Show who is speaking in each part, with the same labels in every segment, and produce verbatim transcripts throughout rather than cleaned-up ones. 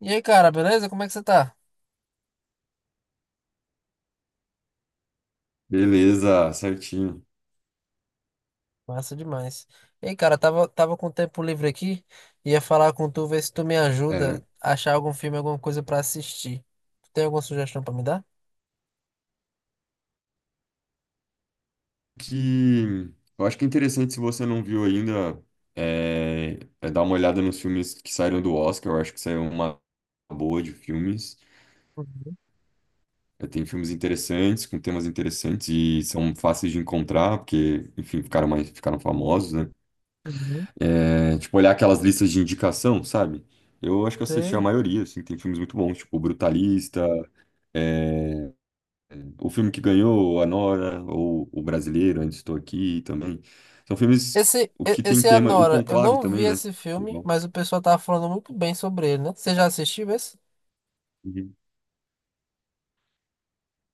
Speaker 1: E aí, cara, beleza? Como é que você tá?
Speaker 2: Beleza, certinho.
Speaker 1: Massa demais. E aí, cara, tava, tava com tempo livre aqui, ia falar com tu, ver se tu me ajuda
Speaker 2: É,
Speaker 1: a achar algum filme, alguma coisa pra assistir. Tu tem alguma sugestão pra me dar?
Speaker 2: que Eu acho que é interessante se você não viu ainda é, é dar uma olhada nos filmes que saíram do Oscar. Eu acho que saiu uma boa de filmes.
Speaker 1: Uhum,
Speaker 2: É, tem filmes interessantes, com temas interessantes e são fáceis de encontrar, porque, enfim, ficaram mais, ficaram famosos, né?
Speaker 1: uhum.
Speaker 2: É, tipo, olhar aquelas listas de indicação, sabe? Eu acho que eu assisti a
Speaker 1: Sei.
Speaker 2: maioria, assim, tem filmes muito bons, tipo Brutalista, o filme que ganhou, A Nora, ou O Brasileiro, Ainda Estou Aqui também. São filmes
Speaker 1: Esse,
Speaker 2: o
Speaker 1: e-
Speaker 2: que tem
Speaker 1: esse é a
Speaker 2: tema, o
Speaker 1: Nora. Eu
Speaker 2: Conclave
Speaker 1: não vi
Speaker 2: também, né?
Speaker 1: esse filme, mas o pessoal tava falando muito bem sobre ele, né? Você já assistiu esse?
Speaker 2: Uhum.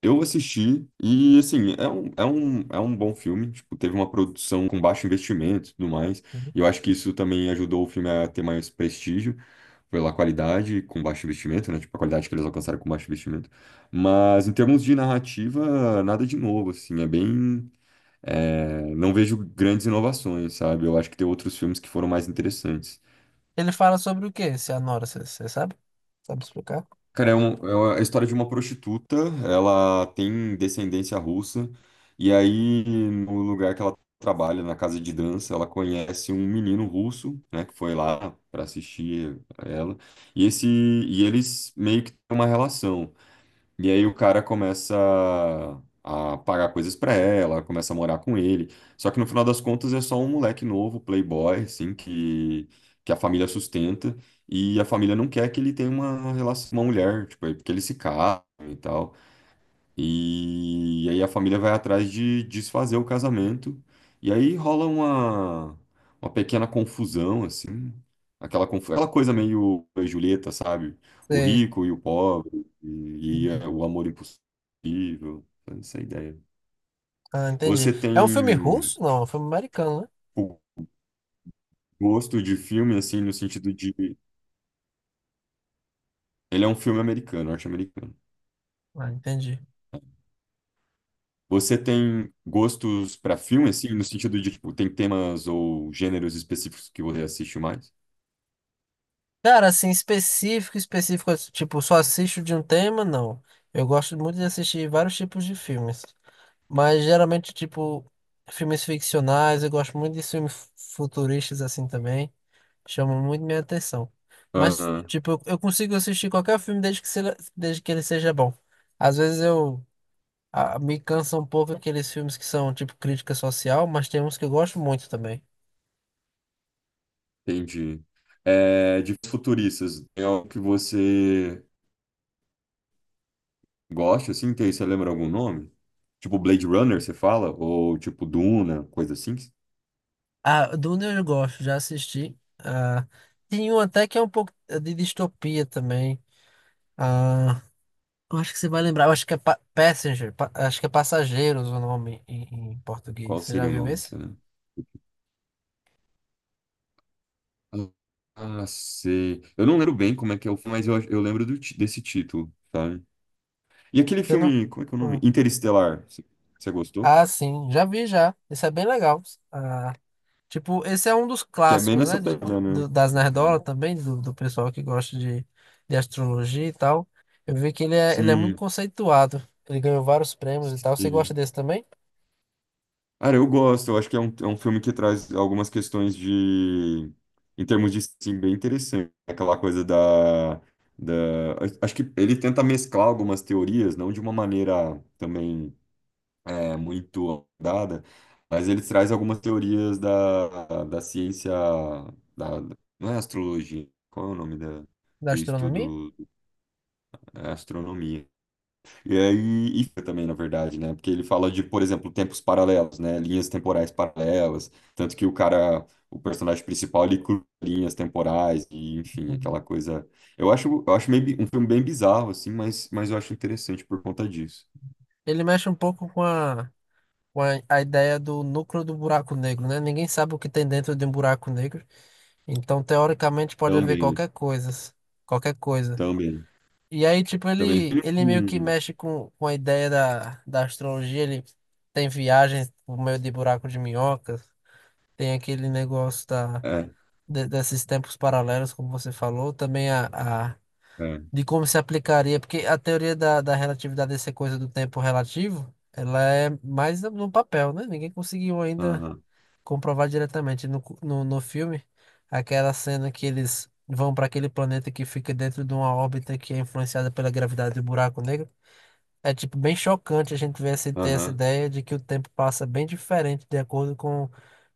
Speaker 2: Eu assisti e, assim, é um, é um, é um bom filme. Tipo, teve uma produção com baixo investimento e tudo mais.
Speaker 1: Uhum.
Speaker 2: E eu acho que isso também ajudou o filme a ter mais prestígio pela qualidade com baixo investimento, né? Tipo, a qualidade que eles alcançaram com baixo investimento. Mas em termos de narrativa, nada de novo, assim. É bem. É, não vejo grandes inovações, sabe? Eu acho que tem outros filmes que foram mais interessantes.
Speaker 1: Ele fala sobre o quê, esse Anora? Você você sabe? Sabe explicar?
Speaker 2: Cara, é, um- é uma- a história de uma prostituta, ela tem descendência russa, e aí no lugar que ela trabalha, na casa de dança, ela conhece um menino russo, né, que foi lá para assistir a ela, e esse e eles meio que têm uma relação. E aí o cara começa a pagar coisas pra ela, começa a morar com ele. Só que no final das contas é só um moleque novo, playboy, assim, que, que a família sustenta. E a família não quer que ele tenha uma relação com uma mulher, tipo, aí porque eles se casam e tal. E aí a família vai atrás de desfazer o casamento. E aí rola uma, uma pequena confusão, assim. Aquela, confu- aquela coisa meio Julieta, sabe? O
Speaker 1: Sei.
Speaker 2: rico e o pobre, e, e,
Speaker 1: Uhum.
Speaker 2: é, o amor impossível. Essa é a ideia.
Speaker 1: Ah, entendi.
Speaker 2: Você
Speaker 1: É um filme
Speaker 2: tem
Speaker 1: russo? Não, é um filme americano, né?
Speaker 2: o gosto de filme, assim, no sentido de. Ele é um filme americano, norte-americano.
Speaker 1: Ah, entendi.
Speaker 2: Você tem gostos para filme, assim, no sentido de, tipo, tem temas ou gêneros específicos que você assiste mais?
Speaker 1: Cara, assim, específico, específico, tipo, só assisto de um tema, não. Eu gosto muito de assistir vários tipos de filmes. Mas geralmente, tipo, filmes ficcionais, eu gosto muito de filmes fu- futuristas assim também. Chamam muito minha atenção. Mas,
Speaker 2: Aham,
Speaker 1: tipo, eu eu consigo assistir qualquer filme desde que, seja, desde que ele seja bom. Às vezes eu ah, me cansa um pouco aqueles filmes que são, tipo, crítica social, mas tem uns que eu gosto muito também.
Speaker 2: entendi. É, de futuristas, tem algo que você gosta, assim? Tem, você lembra algum nome? Tipo Blade Runner, você fala? Ou tipo Duna, coisa assim?
Speaker 1: Ah, Duna eu gosto, já assisti. Ah, tem um até que é um pouco é de distopia também. Ah, eu acho que você vai lembrar, eu acho que é Pa- Passenger, Pa- acho que é Passageiros o nome em, em português.
Speaker 2: Qual
Speaker 1: Você já
Speaker 2: seria o
Speaker 1: viu
Speaker 2: nome,
Speaker 1: esse?
Speaker 2: você lembra? Ah, sei. Eu não lembro bem como é que é o filme, mas eu, eu lembro do ti- desse título, sabe? E aquele
Speaker 1: Você não...
Speaker 2: filme, como é que é o nome?
Speaker 1: Ah,
Speaker 2: Interestelar, você você gostou?
Speaker 1: ah, sim, já vi já. Esse é bem legal. Ah, tipo, esse é um dos
Speaker 2: Que é bem
Speaker 1: clássicos,
Speaker 2: nessa
Speaker 1: né? De, de-
Speaker 2: pegada,
Speaker 1: do-
Speaker 2: né?
Speaker 1: das nerdola também, do, do pessoal que gosta de, de astrologia e tal. Eu vi que ele é, ele é muito
Speaker 2: Sim,
Speaker 1: conceituado. Ele ganhou vários prêmios e tal. Você
Speaker 2: sim.
Speaker 1: gosta desse também?
Speaker 2: Cara, eu gosto. Eu acho que é um, é um filme que traz algumas questões de... Em termos de, sim, bem interessante. Aquela coisa da... da... Acho que ele tenta mesclar algumas teorias, não de uma maneira também é, muito dada, mas ele traz algumas teorias da, da ciência... Da... Não é astrologia. Qual é o nome da...
Speaker 1: Da
Speaker 2: do
Speaker 1: astronomia?
Speaker 2: estudo? É astronomia. E aí, e fica também, na verdade, né? Porque ele fala de, por exemplo, tempos paralelos, né? Linhas temporais paralelas. Tanto que o cara, o personagem principal, ele cruza linhas temporais, e, enfim,
Speaker 1: Uhum.
Speaker 2: aquela coisa. Eu acho, eu acho meio, bi- um filme bem bizarro, assim, mas, mas eu acho interessante por conta disso.
Speaker 1: Ele mexe um pouco com a, com a, a ideia do núcleo do buraco negro, né? Ninguém sabe o que tem dentro de um buraco negro. Então, teoricamente, pode haver
Speaker 2: Também,
Speaker 1: qualquer coisa. Qualquer coisa.
Speaker 2: também,
Speaker 1: E aí, tipo,
Speaker 2: também.
Speaker 1: ele, ele meio que
Speaker 2: Hum,
Speaker 1: mexe com, com a ideia da, da astrologia. Ele tem viagens por meio de buraco de minhocas. Tem aquele negócio da,
Speaker 2: é,
Speaker 1: de- desses tempos paralelos, como você falou. Também a, a
Speaker 2: é.
Speaker 1: de como se aplicaria, porque a teoria da, da relatividade, essa coisa do tempo relativo, ela é mais no no papel, né? Ninguém conseguiu ainda
Speaker 2: Aham,
Speaker 1: comprovar diretamente no, cu- no, no filme aquela cena que eles vão para aquele planeta que fica dentro de uma órbita que é influenciada pela gravidade do buraco negro. É tipo bem chocante a gente ver essa, ter essa
Speaker 2: aham.
Speaker 1: ideia de que o tempo passa bem diferente de acordo com,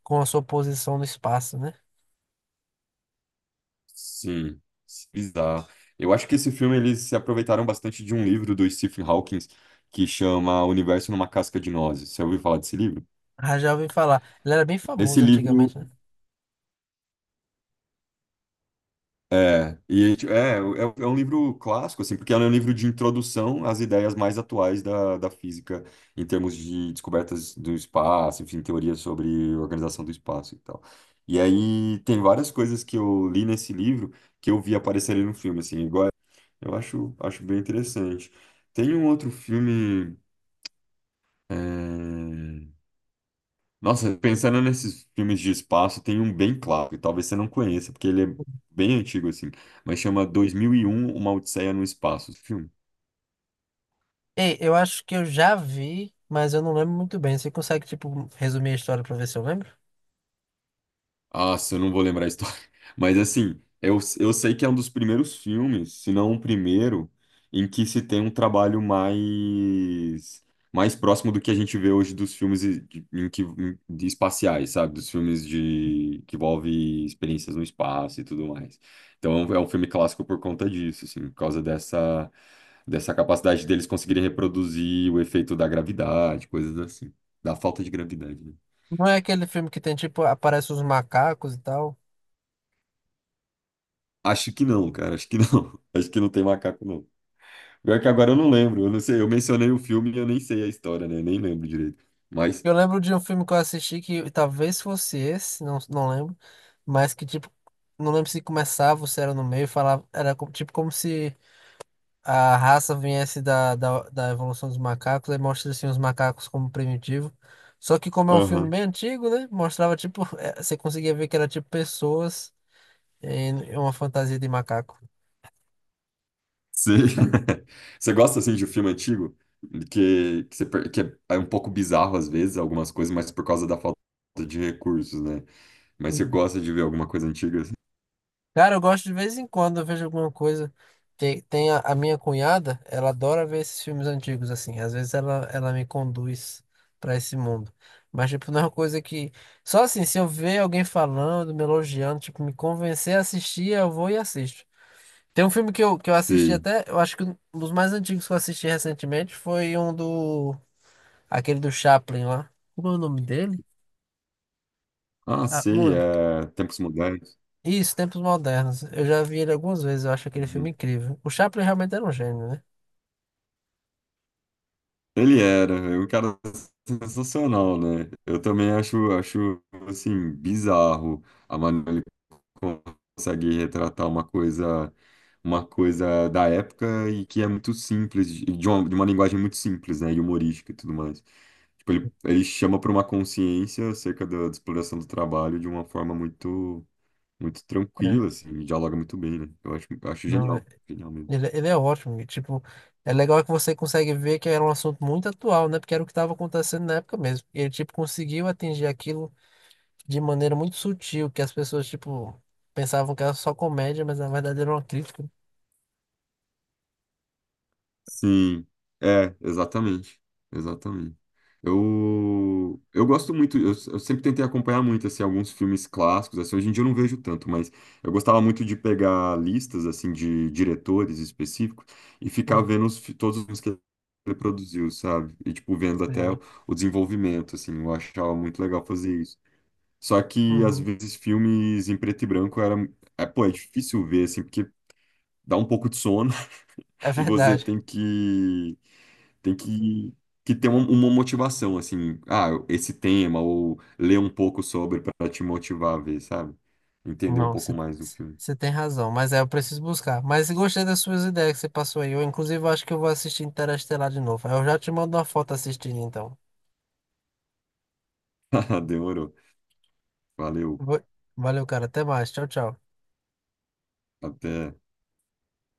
Speaker 1: com a sua posição no espaço, né?
Speaker 2: Sim, sim, bizarro. Eu acho que esse filme eles se aproveitaram bastante de um livro do Stephen Hawking que chama O Universo numa Casca de Nozes. Você ouviu falar desse livro?
Speaker 1: Ah, já ouvi falar. Ele era bem
Speaker 2: Esse
Speaker 1: famoso
Speaker 2: livro
Speaker 1: antigamente, né?
Speaker 2: é, e, tipo, é, é, é um livro clássico, assim, porque é um livro de introdução às ideias mais atuais da, da física em termos de descobertas do espaço, enfim, teorias sobre organização do espaço e tal. E aí tem várias coisas que eu li nesse livro que eu vi aparecerem no filme, assim, igual. Eu acho, acho bem interessante. Tem um outro filme. é, Nossa, pensando nesses filmes de espaço, tem um bem clássico, talvez você não conheça, porque ele é bem antigo assim, mas chama dois mil e um, Uma Odisseia no Espaço. Esse filme.
Speaker 1: Ei, eu acho que eu já vi, mas eu não lembro muito bem. Você consegue, tipo, resumir a história pra ver se eu lembro?
Speaker 2: Nossa, eu não vou lembrar a história. Mas assim, eu, eu sei que é um dos primeiros filmes, se não o primeiro, em que se tem um trabalho mais mais próximo do que a gente vê hoje dos filmes e- de, em que, em- de espaciais, sabe? Dos filmes de que envolve experiências no espaço e tudo mais. Então é um é um filme clássico por conta disso, assim, por causa dessa dessa capacidade deles conseguirem reproduzir o efeito da gravidade, coisas assim, da falta de gravidade, né?
Speaker 1: Não é aquele filme que tem, tipo, aparece os macacos e tal.
Speaker 2: Acho que não, cara. Acho que não. Acho que não tem macaco, não. Pior que agora eu não lembro. Eu não sei. Eu mencionei o filme e eu nem sei a história, né? Nem lembro direito. Mas,
Speaker 1: Eu lembro de um filme que eu assisti que talvez fosse esse, não, não lembro. Mas que, tipo, não lembro se começava ou se era no meio, falava, era co- tipo como se a raça viesse da, da, da evolução dos macacos, aí mostra assim os macacos como primitivo. Só que como é um filme
Speaker 2: aham.
Speaker 1: bem antigo, né? Mostrava, tipo, eh, você conseguia ver que era tipo pessoas. É uma fantasia de macaco.
Speaker 2: Sei. Você gosta, assim, de um filme antigo? Que, que, você per- que é um pouco bizarro, às vezes, algumas coisas, mas por causa da falta de recursos, né? Mas você gosta de ver alguma coisa antiga, assim?
Speaker 1: Cara, eu gosto de vez em quando, eu vejo alguma coisa. Tem, tem a, a minha cunhada, ela adora ver esses filmes antigos, assim. Às vezes ela, ela me conduz pra esse mundo. Mas, tipo, não é uma coisa que. Só assim, se eu ver alguém falando, me elogiando, tipo, me convencer a assistir, eu vou e assisto. Tem um filme que eu, que eu assisti
Speaker 2: Sei.
Speaker 1: até, eu acho que um dos mais antigos que eu assisti recentemente foi um do. Aquele do Chaplin lá. Como é o nome dele?
Speaker 2: Ah,
Speaker 1: Ah, não
Speaker 2: sei.
Speaker 1: lembro.
Speaker 2: É... Tempos Modernos.
Speaker 1: Isso, Tempos Modernos. Eu já vi ele algumas vezes, eu acho aquele filme
Speaker 2: Uhum.
Speaker 1: incrível. O Chaplin realmente era um gênio, né?
Speaker 2: Ele era, é um cara sensacional, né? Eu também acho, acho assim, bizarro a maneira como ele consegue retratar uma coisa, uma coisa da época e que é muito simples, de de uma, de uma linguagem muito simples, né? E humorística e tudo mais. Tipo, ele, ele chama para uma consciência acerca da, da exploração do trabalho de uma forma muito, muito tranquila,
Speaker 1: É.
Speaker 2: assim, e dialoga muito bem, né? Eu acho, eu acho
Speaker 1: Não, é-
Speaker 2: genial, genial mesmo.
Speaker 1: ele, ele é ótimo. E, tipo, é legal que você consegue ver que era um assunto muito atual, né? Porque era o que estava acontecendo na época mesmo. E ele, tipo, conseguiu atingir aquilo de maneira muito sutil, que as pessoas, tipo, pensavam que era só comédia, mas na verdade era uma crítica.
Speaker 2: Sim, é, exatamente, exatamente. Eu, eu gosto muito, eu, eu sempre tentei acompanhar muito, assim, alguns filmes clássicos, assim, hoje em dia eu não vejo tanto, mas eu gostava muito de pegar listas, assim, de diretores específicos e
Speaker 1: Hum,
Speaker 2: ficar vendo os fi- todos os filmes que ele produziu, sabe? E, tipo, vendo até
Speaker 1: Sim.
Speaker 2: o o desenvolvimento, assim, eu achava muito legal fazer isso. Só que, às
Speaker 1: Uhum.
Speaker 2: vezes, filmes em preto e branco era, é, pô, é difícil ver, assim, porque dá um pouco de sono
Speaker 1: É
Speaker 2: e você
Speaker 1: verdade.
Speaker 2: tem que tem que, que ter uma, uma motivação, assim, ah, esse tema, ou ler um pouco sobre para te motivar a ver, sabe? Entender um
Speaker 1: Não,
Speaker 2: pouco
Speaker 1: você
Speaker 2: mais do filme.
Speaker 1: você tem razão, mas é, eu preciso buscar. Mas gostei das suas ideias que você passou aí. Eu, inclusive, acho que eu vou assistir Interestelar de novo. Eu já te mando uma foto assistindo, então.
Speaker 2: Demorou. Valeu.
Speaker 1: Vou- Valeu, cara. Até mais. Tchau, tchau.
Speaker 2: Até.